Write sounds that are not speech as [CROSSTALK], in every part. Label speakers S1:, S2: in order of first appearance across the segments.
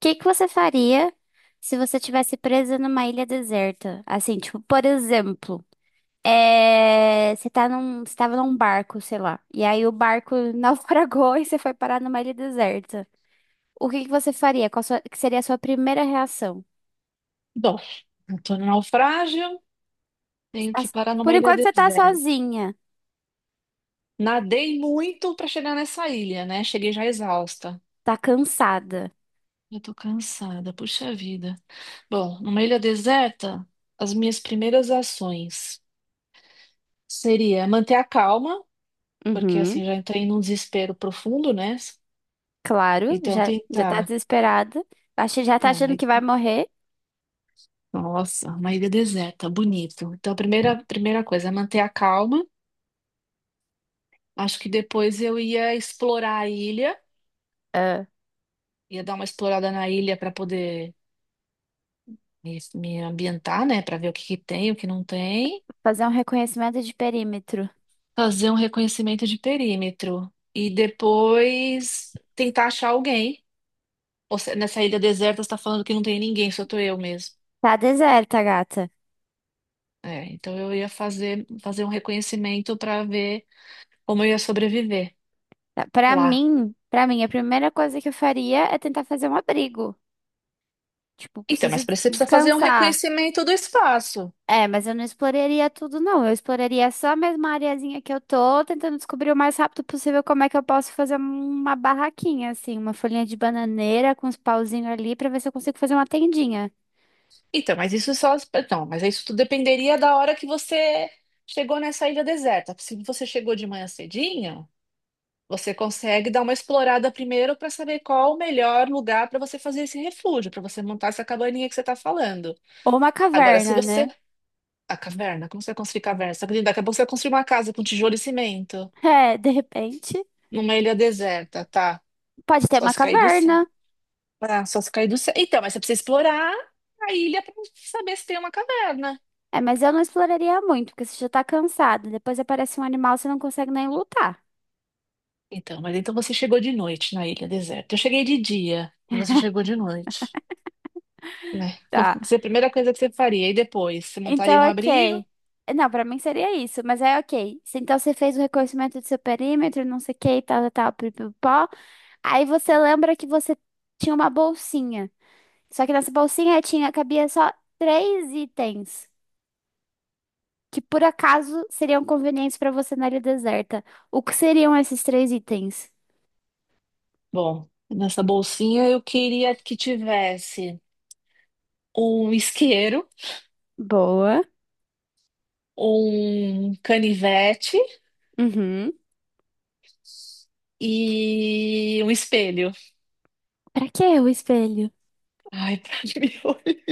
S1: Que você faria se você tivesse presa numa ilha deserta? Assim, tipo, por exemplo, é, você tava num barco, sei lá, e aí o barco [LAUGHS] naufragou e você foi parar numa ilha deserta. O que que você faria? Qual sua- que seria a sua primeira reação?
S2: Bom, eu tô no naufrágio,
S1: Você
S2: tenho
S1: tá-
S2: que parar
S1: Por
S2: numa ilha
S1: enquanto você tá
S2: deserta.
S1: sozinha,
S2: Nadei muito pra chegar nessa ilha, né? Cheguei já exausta.
S1: tá cansada.
S2: Eu tô cansada, puxa vida. Bom, numa ilha deserta, as minhas primeiras ações seria manter a calma, porque
S1: Uhum,
S2: assim já entrei num desespero profundo, né?
S1: claro,
S2: Então
S1: já tá
S2: tentar.
S1: desesperada. Acha- Já tá
S2: Não,
S1: achando
S2: aí...
S1: que vai
S2: tá,
S1: morrer.
S2: Nossa, uma ilha deserta, bonito. Então, a primeira coisa é manter a calma. Acho que depois eu ia explorar a ilha.
S1: Ah,
S2: Ia dar uma explorada na ilha para poder me ambientar, né? Para ver o que que tem, o que não tem.
S1: fazer um reconhecimento de perímetro.
S2: Fazer um reconhecimento de perímetro. E depois tentar achar alguém. Ou se- Nessa ilha deserta, você está falando que não tem ninguém, só tô eu mesmo.
S1: Tá deserta, gata.
S2: É, então eu ia fazer um reconhecimento para ver como eu ia sobreviver lá.
S1: Para mim, a primeira coisa que eu faria é tentar fazer um abrigo. Tipo,
S2: Então,
S1: preciso
S2: mas pra isso você precisa fazer um
S1: descansar.
S2: reconhecimento do espaço.
S1: É, mas eu não exploraria tudo, não. Eu exploraria só mesmo a mesma areazinha que eu tô, tentando descobrir o mais rápido possível como é que eu posso fazer uma barraquinha, assim, uma folhinha de bananeira com uns pauzinhos ali pra ver se eu consigo fazer uma tendinha.
S2: Então, mas isso só. Então, mas isso tudo dependeria da hora que você chegou nessa ilha deserta. Se você chegou de manhã cedinho, você consegue dar uma explorada primeiro para saber qual o melhor lugar para você fazer esse refúgio, para você montar essa cabaninha que você está falando.
S1: Ou uma
S2: Agora, se
S1: caverna,
S2: você.
S1: né?
S2: A caverna, como você vai construir caverna? Você acredita? Daqui a pouco você vai construir uma casa com tijolo e cimento
S1: [LAUGHS] É, de repente.
S2: numa ilha deserta, tá?
S1: Pode ter
S2: Só
S1: uma
S2: se cair do
S1: caverna.
S2: céu. Ah, só se cair do céu. Então, mas você precisa explorar a ilha para saber se tem uma caverna.
S1: É, mas eu não exploraria muito, porque você já tá cansado. Depois aparece um animal, você não consegue nem lutar.
S2: Então, mas então você chegou de noite na ilha deserta. Eu cheguei de dia e você chegou de noite, né? Então, [LAUGHS] isso é a primeira coisa que você faria. E depois, você montaria um
S1: Então,
S2: abrigo?
S1: ok. Não, pra mim seria isso, mas é ok. Se- Então você fez o reconhecimento do seu perímetro, não sei o que, tal, tal, tal, pipipó. Aí você lembra que você tinha uma bolsinha. Só que nessa bolsinha tinha, cabia só três itens que por acaso seriam convenientes pra você na área deserta. O que seriam esses três itens?
S2: Bom, nessa bolsinha eu queria que tivesse um isqueiro,
S1: Boa.
S2: um canivete
S1: Uhum.
S2: e um espelho.
S1: Pra que o espelho?
S2: Ai, [LAUGHS] para me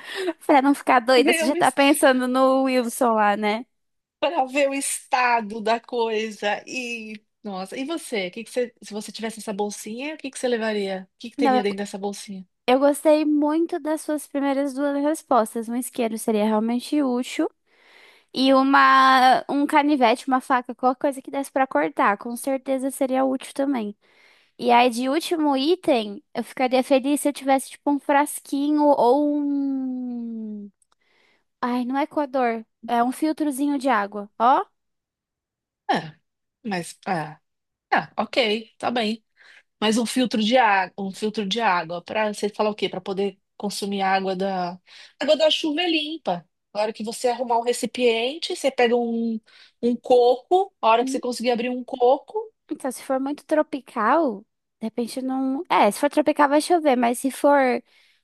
S1: [LAUGHS] Pra não ficar doida, você
S2: olhar,
S1: já tá pensando no Wilson lá, né?
S2: para ver o estado da coisa e Nossa, e você? O que que você, se você tivesse essa bolsinha, o que que você levaria? O que que teria
S1: Não,
S2: dentro dessa bolsinha?
S1: eu gostei muito das suas primeiras duas respostas. Um isqueiro seria realmente útil e uma um canivete, uma faca, qualquer coisa que desse pra cortar, com certeza seria útil também. E aí de último item, eu ficaria feliz se eu tivesse tipo um frasquinho ou um ai, não é coador, é um filtrozinho de água, ó.
S2: É, mas ah, ok, tá bem. Mas um filtro de água para você falar o quê? Para poder consumir água da chuva é limpa. Na hora que você arrumar um recipiente, você pega um coco. A hora que você conseguir abrir um coco,
S1: Então, se for muito tropical, de repente não. É, se for tropical vai chover, mas se for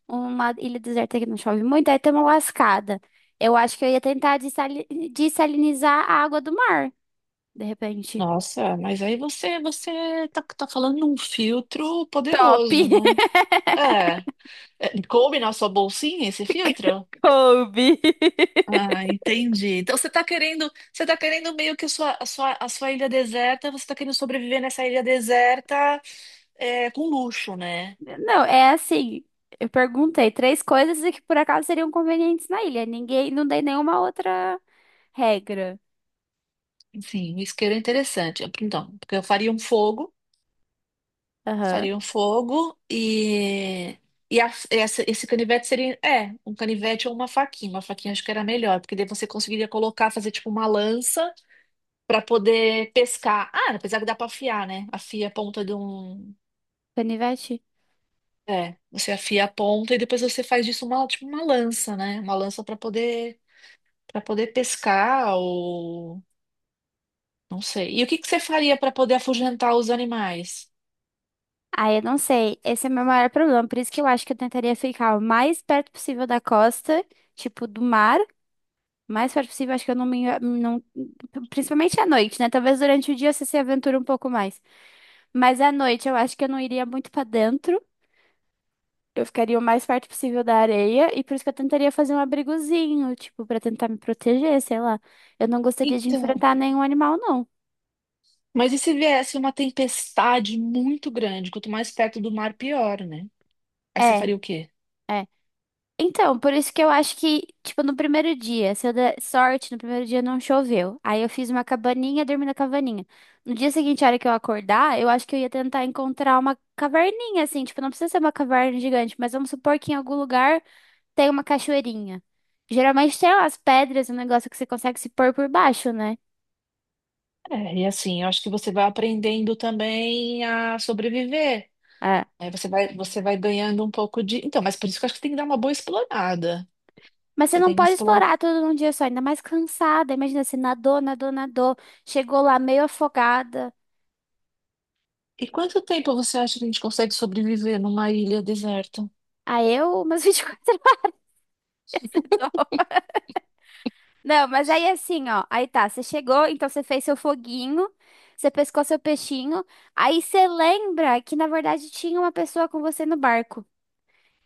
S1: uma ilha deserta que não chove muito, aí tem uma lascada. Eu acho que eu ia tentar dessali- dessalinizar a água do mar, de repente.
S2: nossa, mas aí você tá falando de um filtro
S1: Top!
S2: poderoso, né?
S1: [LAUGHS]
S2: É, É, coube na sua bolsinha esse filtro?
S1: Kobe.
S2: Ah, entendi. Então você está querendo, você tá querendo meio que a sua ilha deserta, você está querendo sobreviver nessa ilha deserta é, com luxo, né?
S1: Não, é assim. Eu perguntei três coisas e que por acaso seriam convenientes na ilha. Ninguém, não dei nenhuma outra regra.
S2: Enfim, um isqueiro é interessante. Então, porque eu
S1: Aham.
S2: faria um fogo e esse canivete seria, é, um canivete ou uma faquinha. Uma faquinha acho que era melhor, porque daí você conseguiria colocar, fazer tipo uma lança para poder pescar. Ah, apesar que dá para afiar, né? Afia a ponta de um.
S1: Canivete?
S2: É, você afia a ponta e depois você faz disso uma, tipo uma lança, né? Uma lança para poder pescar ou não sei. E o que que você faria para poder afugentar os animais?
S1: Ah, eu não sei. Esse é o meu maior problema. Por isso que eu acho que eu tentaria ficar o mais perto possível da costa, tipo, do mar. O mais perto possível, acho que eu não me. Não, principalmente à noite, né? Talvez durante o dia você se aventura um pouco mais. Mas à noite eu acho que eu não iria muito pra dentro. Eu ficaria o mais perto possível da areia. E por isso que eu tentaria fazer um abrigozinho, tipo, pra tentar me proteger, sei lá. Eu não gostaria de
S2: Então,
S1: enfrentar nenhum animal, não.
S2: mas e se viesse uma tempestade muito grande? Quanto mais perto do mar, pior, né? Aí você
S1: É,
S2: faria o quê?
S1: é. Então, por isso que eu acho que, tipo, no primeiro dia, se eu der sorte, no primeiro dia não choveu. Aí eu fiz uma cabaninha, dormi na cabaninha. No dia seguinte, a hora que eu acordar, eu acho que eu ia tentar encontrar uma caverninha, assim, tipo, não precisa ser uma caverna gigante, mas vamos supor que em algum lugar tem uma cachoeirinha. Geralmente tem umas pedras, um negócio que você consegue se pôr por baixo, né?
S2: É, e assim, eu acho que você vai aprendendo também a sobreviver.
S1: É.
S2: Aí você vai ganhando um pouco de. Então, mas por isso que eu acho que tem que dar uma boa explorada.
S1: Mas você
S2: Você
S1: não
S2: tem que
S1: pode
S2: explorar.
S1: explorar tudo num dia só, ainda mais cansada. Imagina, nadou, chegou lá meio afogada.
S2: E quanto tempo você acha que a gente consegue sobreviver numa ilha deserta?
S1: Umas [LAUGHS] 24 horas. [LAUGHS] Não, mas aí assim, ó. Aí tá, você chegou, então você fez seu foguinho, você pescou seu peixinho. Aí você lembra que na verdade tinha uma pessoa com você no barco.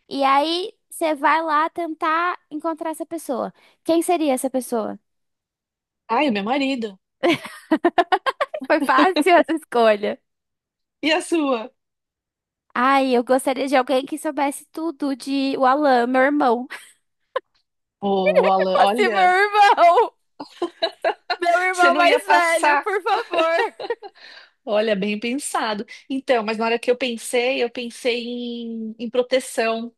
S1: E aí você vai lá tentar encontrar essa pessoa. Quem seria essa pessoa?
S2: Ai, o meu marido.
S1: [LAUGHS] Foi fácil essa escolha.
S2: E a sua?
S1: Ai, eu gostaria de alguém que soubesse tudo de o Alan, meu irmão. [LAUGHS]
S2: Ô, Alan,
S1: Fosse meu
S2: olha,
S1: irmão! Meu
S2: você
S1: irmão
S2: não ia
S1: mais velho,
S2: passar.
S1: por favor!
S2: Olha, bem pensado. Então, mas na hora que eu pensei em proteção.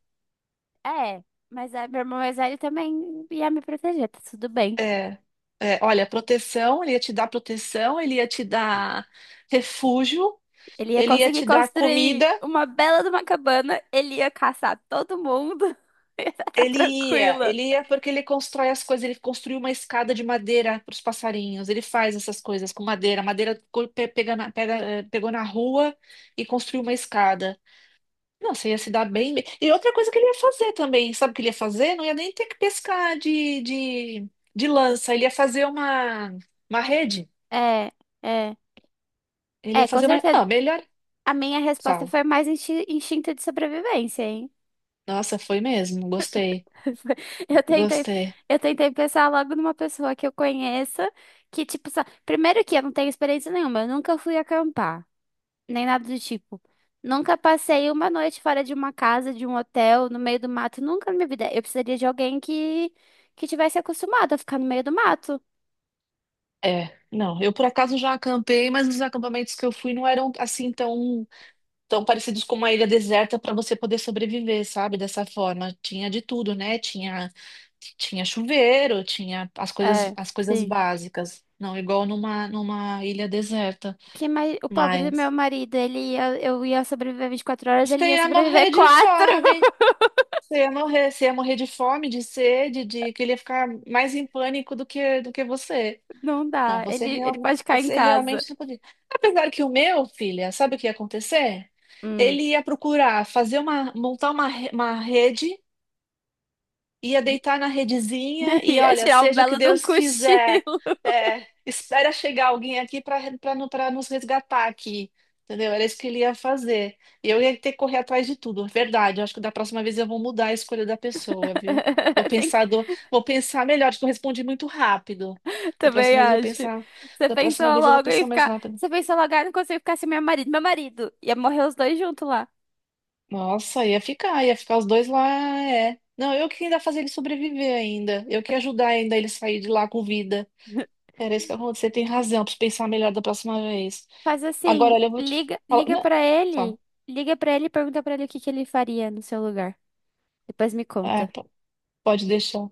S1: É, mas é, meu irmão mais velho também ia me proteger, tá tudo bem.
S2: É, é, olha, proteção, ele ia te dar proteção, ele ia te dar refúgio,
S1: Ele ia
S2: ele ia
S1: conseguir
S2: te dar comida.
S1: construir uma bela de uma cabana, ele ia caçar todo mundo, [LAUGHS] e ia tá
S2: Ele ia,
S1: tranquila.
S2: ele ia porque ele constrói as coisas, ele construiu uma escada de madeira para os passarinhos, ele faz essas coisas com madeira. A madeira pega, pegou na rua e construiu uma escada. Nossa, ia se dar bem. E outra coisa que ele ia fazer também, sabe o que ele ia fazer? Não ia nem ter que pescar de lança, ele ia fazer uma rede,
S1: É, é,
S2: ele
S1: é,
S2: ia
S1: com
S2: fazer uma...
S1: certeza.
S2: Ah, melhor,
S1: A minha resposta
S2: falo.
S1: foi mais insti- instinto de sobrevivência, hein?
S2: Nossa, foi mesmo, gostei,
S1: [LAUGHS] Eu tentei,
S2: gostei.
S1: eu tentei pensar logo numa pessoa que eu conheça, que tipo, só... primeiro que eu não tenho experiência nenhuma, eu nunca fui acampar, nem nada do tipo. Nunca passei uma noite fora de uma casa, de um hotel, no meio do mato, nunca na minha vida. Eu precisaria de alguém que tivesse acostumado a ficar no meio do mato.
S2: É, não, eu por acaso já acampei, mas os acampamentos que eu fui não eram tão parecidos com uma ilha deserta para você poder sobreviver, sabe? Dessa forma. Tinha de tudo, né? Tinha chuveiro, tinha as
S1: É,
S2: coisas
S1: sim.
S2: básicas. Não igual numa, numa ilha deserta.
S1: Que mais... O pobre do meu
S2: Mas
S1: marido, ele ia... eu ia sobreviver 24 horas,
S2: você
S1: ele ia
S2: ia
S1: sobreviver
S2: morrer de
S1: quatro.
S2: fome.
S1: [LAUGHS]
S2: Você ia morrer de fome, de sede, de que ele ia ficar mais em pânico do do que você.
S1: Não
S2: Não,
S1: dá,
S2: você,
S1: ele
S2: real,
S1: pode ficar em
S2: você
S1: casa.
S2: realmente não podia. Apesar que o meu, filha, sabe o que ia acontecer?
S1: Hum.
S2: Ele ia procurar fazer uma, uma rede, ia deitar na redezinha
S1: [LAUGHS]
S2: e
S1: Ia
S2: olha,
S1: tirar um
S2: seja o que
S1: belo de um
S2: Deus quiser,
S1: cochilo.
S2: é, espera chegar alguém aqui para nos resgatar aqui, entendeu? Era isso que ele ia fazer. E eu ia ter que correr atrás de tudo, verdade. Eu acho que da próxima vez eu vou mudar a escolha da pessoa, viu?
S1: [LAUGHS] Tem
S2: Vou pensar melhor, acho que eu respondi muito rápido. Da
S1: também
S2: próxima vez eu vou
S1: acho.
S2: pensar,
S1: Você
S2: da
S1: pensou
S2: próxima vez eu vou
S1: logo em
S2: pensar mais
S1: ficar.
S2: rápido.
S1: Você pensou logo, ah, não consigo ficar sem meu marido. Meu marido. Ia morrer os dois juntos lá.
S2: Nossa, ia ficar os dois lá, é. Não, eu que ainda fazer ele sobreviver ainda. Eu que ia ajudar ainda ele sair de lá com vida. Era isso que aconteceu. Você tem razão, preciso pensar melhor da próxima vez.
S1: Faz assim,
S2: Agora, olha, eu vou te falar.
S1: liga
S2: Não,
S1: para
S2: fala.
S1: ele. Liga pra ele e pergunta pra ele o que que ele faria no seu lugar. Depois me
S2: É,
S1: conta.
S2: p- pode deixar.